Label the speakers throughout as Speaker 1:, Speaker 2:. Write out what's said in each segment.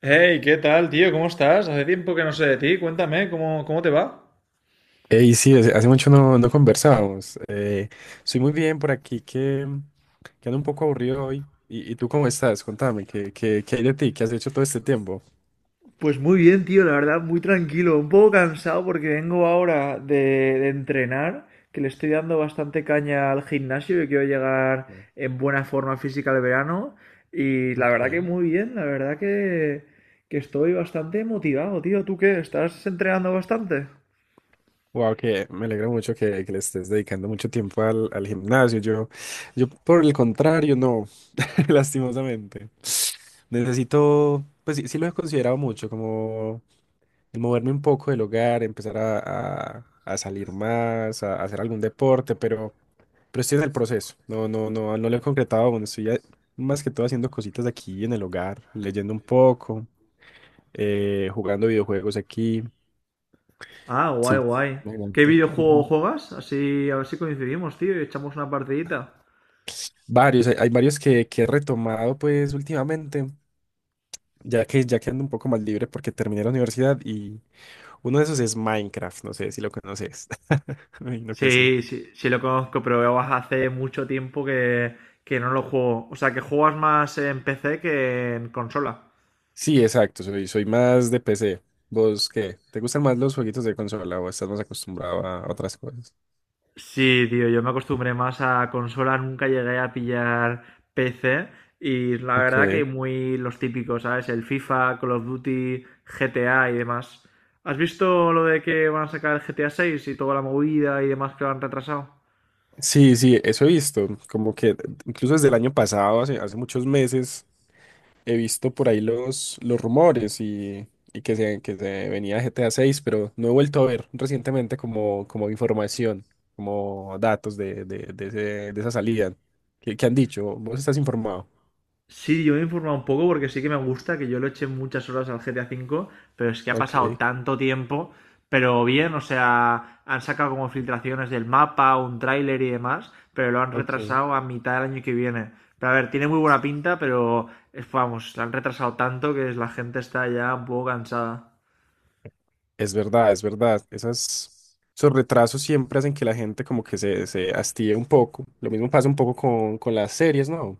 Speaker 1: Hey, ¿qué tal, tío? ¿Cómo estás? Hace tiempo que no sé de ti. Cuéntame, ¿cómo te va?
Speaker 2: Ey, sí, hace mucho no conversábamos. Estoy muy bien por aquí que ando un poco aburrido hoy. ¿Y tú cómo estás? Contame, ¿qué hay de ti? ¿Qué has hecho todo este tiempo?
Speaker 1: Pues muy bien, tío, la verdad, muy tranquilo, un poco cansado porque vengo ahora de entrenar, que le estoy dando bastante caña al gimnasio y quiero llegar
Speaker 2: Bien.
Speaker 1: en buena forma física al verano. Y la verdad que
Speaker 2: Ok.
Speaker 1: muy bien, que estoy bastante motivado, tío. ¿Tú qué? ¿Estás entrenando bastante?
Speaker 2: Wow, que me alegra mucho que le estés dedicando mucho tiempo al gimnasio. Yo por el contrario, no, lastimosamente. Necesito, pues sí, sí lo he considerado mucho, como el moverme un poco del hogar, empezar a salir más, a hacer algún deporte, pero estoy en el proceso. No, no, no, no lo he concretado aún. Estoy más que todo haciendo cositas aquí en el hogar, leyendo un poco, jugando videojuegos aquí.
Speaker 1: Ah, guay,
Speaker 2: Sí,
Speaker 1: guay. ¿Qué
Speaker 2: imagínate.
Speaker 1: videojuego
Speaker 2: Ujú.
Speaker 1: juegas? Así, a ver si coincidimos, tío, y echamos una partidita.
Speaker 2: Varios, hay varios que he retomado pues últimamente, ya que ando un poco más libre porque terminé la universidad y uno de esos es Minecraft, no sé si lo conoces. Me imagino que sí.
Speaker 1: Sí, sí, sí lo conozco, pero hace mucho tiempo que no lo juego. O sea, que juegas más en PC que en consola.
Speaker 2: Sí, exacto, soy más de PC. ¿Vos qué? ¿Te gustan más los jueguitos de consola o estás más acostumbrado a otras cosas?
Speaker 1: Sí, tío, yo me acostumbré más a consola, nunca llegué a pillar PC y la verdad que
Speaker 2: Ok.
Speaker 1: muy los típicos, ¿sabes? El FIFA, Call of Duty, GTA y demás. ¿Has visto lo de que van a sacar el GTA 6 y toda la movida y demás que lo han retrasado?
Speaker 2: Sí, sí, eso he visto. Como que incluso desde el año pasado, hace muchos meses, he visto por ahí los rumores y, y que se venía GTA 6, pero no he vuelto a ver recientemente como información, como datos de esa salida. ¿Qué han dicho? ¿Vos estás informado?
Speaker 1: Sí, yo me he informado un poco porque sí que me gusta, que yo lo eché muchas horas al GTA 5 V, pero es que ha
Speaker 2: Ok,
Speaker 1: pasado tanto tiempo, pero bien, o sea, han sacado como filtraciones del mapa, un tráiler y demás, pero lo han
Speaker 2: ok.
Speaker 1: retrasado a mitad del año que viene. Pero a ver, tiene muy buena pinta, pero vamos, lo han retrasado tanto que la gente está ya un poco cansada.
Speaker 2: Es verdad, es verdad. Esos retrasos siempre hacen que la gente como que se hastíe un poco. Lo mismo pasa un poco con las series, ¿no?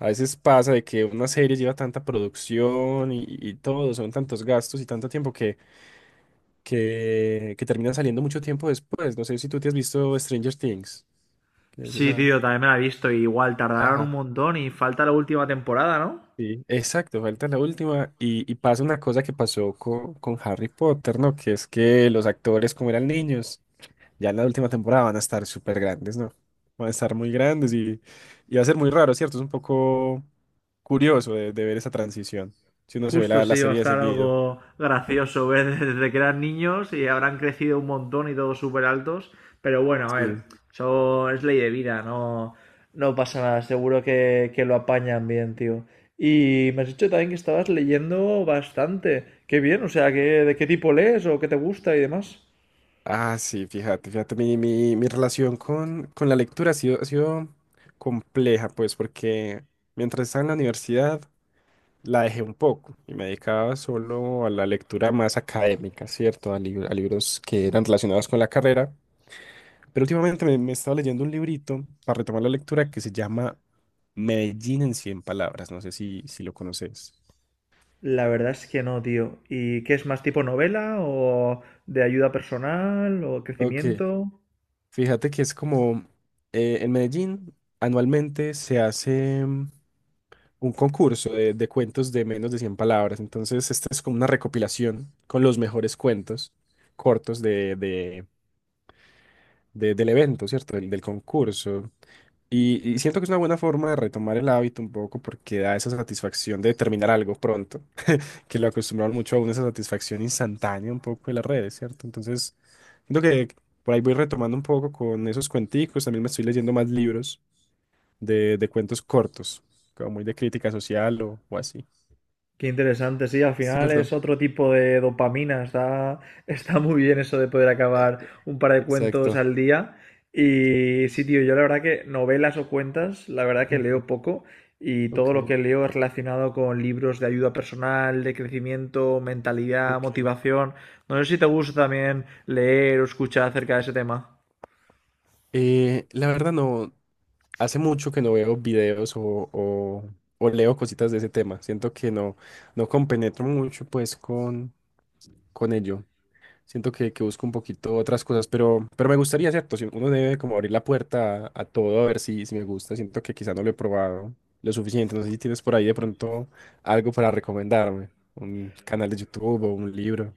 Speaker 2: A veces pasa de que una serie lleva tanta producción y todo, son tantos gastos y tanto tiempo que termina saliendo mucho tiempo después. No sé si tú te has visto Stranger Things, que es
Speaker 1: Sí,
Speaker 2: esa.
Speaker 1: tío, también me la he visto, y igual tardaron un
Speaker 2: Ajá.
Speaker 1: montón y falta la última temporada, ¿no?
Speaker 2: Sí, exacto, falta la última. Y pasa una cosa que pasó con Harry Potter, ¿no? Que es que los actores, como eran niños, ya en la última temporada van a estar súper grandes, ¿no? Van a estar muy grandes y va a ser muy raro, ¿cierto? Es un poco curioso de ver esa transición, si uno se ve
Speaker 1: Justo
Speaker 2: la
Speaker 1: sí, va a
Speaker 2: serie de
Speaker 1: estar
Speaker 2: seguido.
Speaker 1: algo gracioso ver desde que eran niños y habrán crecido un montón y todos súper altos. Pero bueno, a ver,
Speaker 2: Sí.
Speaker 1: eso es ley de vida, no pasa nada, seguro que lo apañan bien, tío. Y me has dicho también que estabas leyendo bastante. Qué bien, o sea, ¿qué, de qué tipo lees o qué te gusta y demás?
Speaker 2: Ah, sí, fíjate, fíjate, mi relación con la lectura ha sido compleja, pues, porque mientras estaba en la universidad la dejé un poco y me dedicaba solo a la lectura más académica, ¿cierto? A libros que eran relacionados con la carrera. Pero últimamente me estaba leyendo un librito para retomar la lectura que se llama Medellín en cien palabras. No sé si lo conoces.
Speaker 1: La verdad es que no, tío. ¿Y qué es más tipo novela o de ayuda personal o
Speaker 2: Ok,
Speaker 1: crecimiento?
Speaker 2: fíjate que es como en Medellín anualmente se hace un concurso de cuentos de menos de 100 palabras. Entonces, esta es como una recopilación con los mejores cuentos cortos del evento, ¿cierto? Del concurso. Y siento que es una buena forma de retomar el hábito un poco porque da esa satisfacción de terminar algo pronto. Que lo acostumbraron mucho a una satisfacción instantánea un poco de las redes, ¿cierto? Entonces, siento que por ahí voy retomando un poco con esos cuenticos, también me estoy leyendo más libros de cuentos cortos, como muy de crítica social o así,
Speaker 1: Qué interesante, sí, al final es
Speaker 2: ¿cierto?
Speaker 1: otro tipo de dopamina, está muy bien eso de poder
Speaker 2: Eh,
Speaker 1: acabar
Speaker 2: eh,
Speaker 1: un par de cuentos
Speaker 2: Exacto.
Speaker 1: al día. Y sí, tío, yo la verdad que novelas o cuentas, la verdad que
Speaker 2: Ujú.
Speaker 1: leo poco y todo
Speaker 2: Ok,
Speaker 1: lo que leo es relacionado con libros de ayuda personal, de crecimiento, mentalidad,
Speaker 2: ok.
Speaker 1: motivación. No sé si te gusta también leer o escuchar acerca de ese tema.
Speaker 2: La verdad no, hace mucho que no veo videos o- o leo cositas de ese tema. Siento que no compenetro mucho pues con ello. Siento que busco un poquito otras cosas, pero me gustaría, ¿cierto? Si uno debe como abrir la puerta a todo a ver si me gusta. Siento que quizá no lo he probado lo suficiente. No sé si tienes por ahí de pronto algo para recomendarme. Un canal de YouTube o un libro.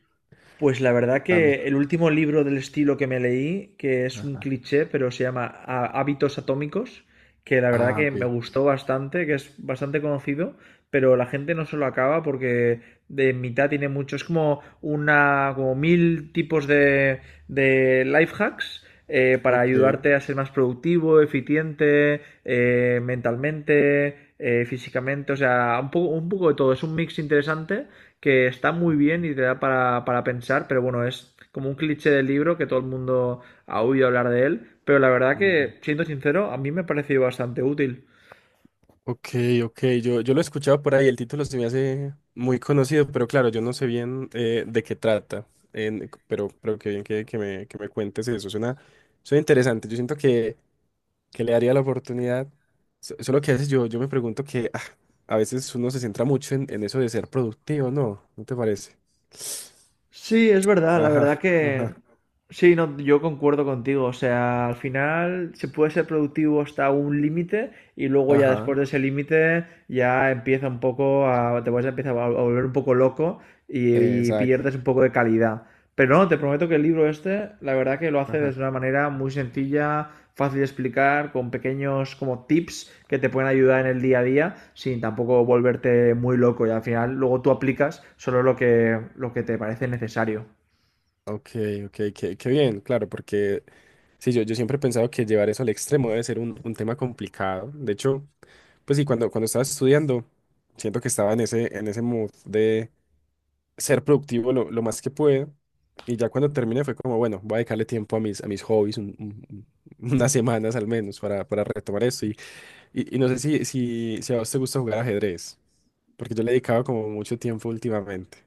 Speaker 1: Pues la verdad
Speaker 2: Dame.
Speaker 1: que el último libro del estilo que me leí, que es un
Speaker 2: Ajá.
Speaker 1: cliché, pero se llama Hábitos Atómicos, que la verdad
Speaker 2: Ah,
Speaker 1: que me
Speaker 2: ok.
Speaker 1: gustó bastante, que es bastante conocido, pero la gente no se lo acaba porque de mitad tiene mucho, es como una, como mil tipos de life hacks para
Speaker 2: Ok.
Speaker 1: ayudarte a ser más productivo, eficiente, mentalmente, físicamente, o sea, un poco de todo, es un mix interesante que está muy bien y te da para pensar, pero bueno, es como un cliché del libro que todo el mundo ha oído hablar de él, pero la verdad
Speaker 2: Ujú.
Speaker 1: que, siendo sincero, a mí me ha parecido bastante útil.
Speaker 2: Ok, ok, yo lo he escuchado por ahí, el título se me hace muy conocido, pero claro, yo no sé bien de qué trata, pero qué bien que me cuentes eso, suena, suena interesante, yo siento que le daría la oportunidad, solo que a veces yo me pregunto que ah, a veces uno se centra mucho en eso de ser productivo, ¿no? ¿No te parece?
Speaker 1: Sí, es verdad, la
Speaker 2: Ajá,
Speaker 1: verdad que...
Speaker 2: ajá,
Speaker 1: Sí, no, yo concuerdo contigo, o sea, al final se puede ser productivo hasta un límite y luego ya
Speaker 2: ajá,
Speaker 1: después de ese límite ya empieza un poco a... te vas a empezar a volver un poco loco y
Speaker 2: exacto.
Speaker 1: pierdes un poco de calidad. Pero no, te prometo que el libro este, la verdad que lo hace de una manera muy sencilla, fácil de explicar, con pequeños como tips que te pueden ayudar en el día a día, sin tampoco volverte muy loco y al final luego tú aplicas solo lo que te parece necesario.
Speaker 2: Ok, ok, qué bien, claro, porque sí, yo siempre he pensado que llevar eso al extremo debe ser un tema complicado. De hecho, pues sí, cuando estaba estudiando, siento que estaba en ese mood de ser productivo lo más que puedo. Y ya cuando terminé fue como, bueno, voy a dedicarle tiempo a mis hobbies, unas semanas al menos para retomar eso. Y no sé si a vos te gusta jugar ajedrez, porque yo le he dedicado como mucho tiempo últimamente.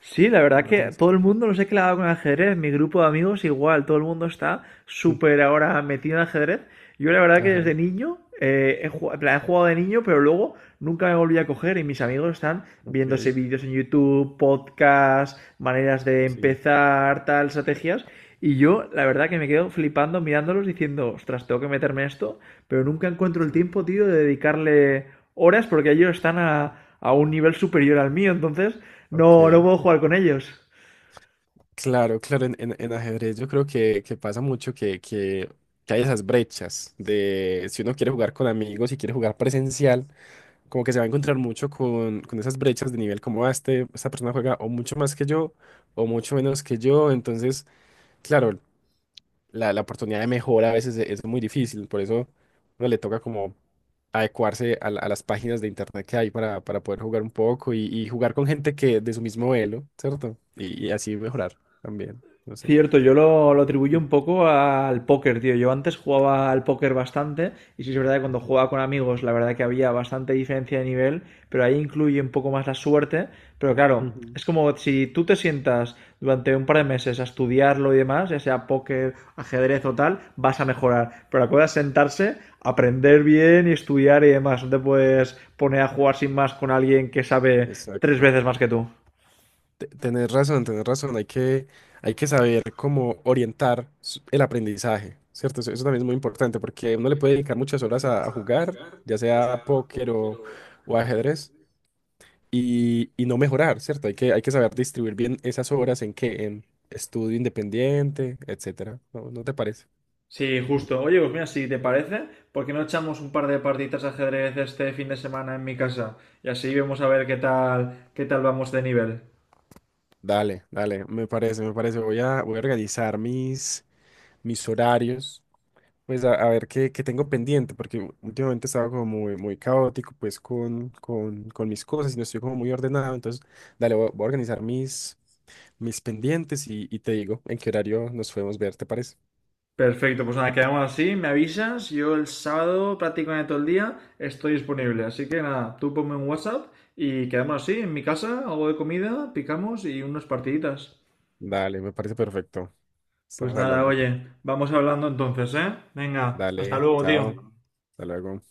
Speaker 1: Sí, la verdad
Speaker 2: ¿No te
Speaker 1: que
Speaker 2: gusta?
Speaker 1: todo el mundo, no sé qué le ha dado con el ajedrez, mi grupo de amigos igual, todo el mundo está
Speaker 2: Sí.
Speaker 1: súper ahora metido en ajedrez. Yo la verdad que
Speaker 2: Ajá,
Speaker 1: desde niño, he jugado, en plan, he jugado de niño, pero luego nunca me volví a coger y mis amigos están
Speaker 2: ok,
Speaker 1: viéndose vídeos en YouTube, podcasts, maneras de
Speaker 2: sí,
Speaker 1: empezar, tal, estrategias. Y yo la verdad que me quedo flipando mirándolos diciendo, ostras, tengo que meterme en esto, pero nunca encuentro el
Speaker 2: sí,
Speaker 1: tiempo, tío, de dedicarle horas porque ellos están a un nivel superior al mío. Entonces, no
Speaker 2: ok.
Speaker 1: puedo jugar con ellos.
Speaker 2: Claro, claro, en ajedrez yo creo que pasa mucho que hay esas brechas de si uno quiere jugar con amigos y quiere jugar presencial, como que se va a encontrar mucho con esas brechas de nivel como "Ah, este, esta persona juega o mucho más que yo o mucho menos que yo, entonces, claro, la oportunidad de mejora a veces es muy difícil, por eso uno le toca como adecuarse a las páginas de internet que hay para poder jugar un poco y jugar con gente que de su mismo elo, ¿cierto? Y así mejorar también, no sé.
Speaker 1: Cierto, yo lo atribuyo
Speaker 2: Sí,
Speaker 1: un poco al póker, tío. Yo antes jugaba al póker bastante, y sí es verdad que cuando jugaba
Speaker 2: ok.
Speaker 1: con amigos, la verdad que había bastante diferencia de nivel, pero ahí incluye un poco más la suerte. Pero claro,
Speaker 2: Ujú.
Speaker 1: es como si tú te sientas durante un par de meses a estudiarlo y demás, ya sea póker, ajedrez o tal, vas a mejorar. Pero la cosa es sentarse, aprender bien y estudiar y demás. No te puedes poner a jugar sin más con alguien que sabe tres
Speaker 2: Exacto.
Speaker 1: veces más que tú.
Speaker 2: Tenés razón, tenés razón. Hay que saber cómo orientar el aprendizaje, ¿cierto? Eso también es muy importante porque uno le puede dedicar muchas horas a jugar, ya sea póker o ajedrez, y no mejorar, ¿cierto? Hay que saber distribuir bien esas horas en qué, en estudio independiente, etcétera. ¿No te parece?
Speaker 1: Sí, justo. Oye, pues mira, si te parece, ¿por qué no echamos un par de partiditas de ajedrez este fin de semana en mi casa? Y así vemos a ver qué tal vamos de nivel.
Speaker 2: Dale, dale, me parece, me parece. Voy a organizar mis horarios. Pues a ver qué tengo pendiente, porque últimamente estaba como muy, muy caótico, pues con mis cosas y no estoy como muy ordenado. Entonces, dale, voy a organizar mis pendientes y te digo en qué horario nos podemos ver, ¿te parece?
Speaker 1: Perfecto, pues nada, quedamos así, me avisas, yo el sábado prácticamente todo el día estoy disponible,
Speaker 2: Ujú.
Speaker 1: así que nada, tú ponme un WhatsApp y quedamos así, en mi casa, algo de comida, picamos y unas partiditas.
Speaker 2: Dale, me parece perfecto.
Speaker 1: Pues
Speaker 2: Estamos
Speaker 1: nada,
Speaker 2: hablando.
Speaker 1: oye, vamos hablando entonces, ¿eh? Venga, hasta
Speaker 2: Dale,
Speaker 1: luego, tío.
Speaker 2: chao, hasta luego.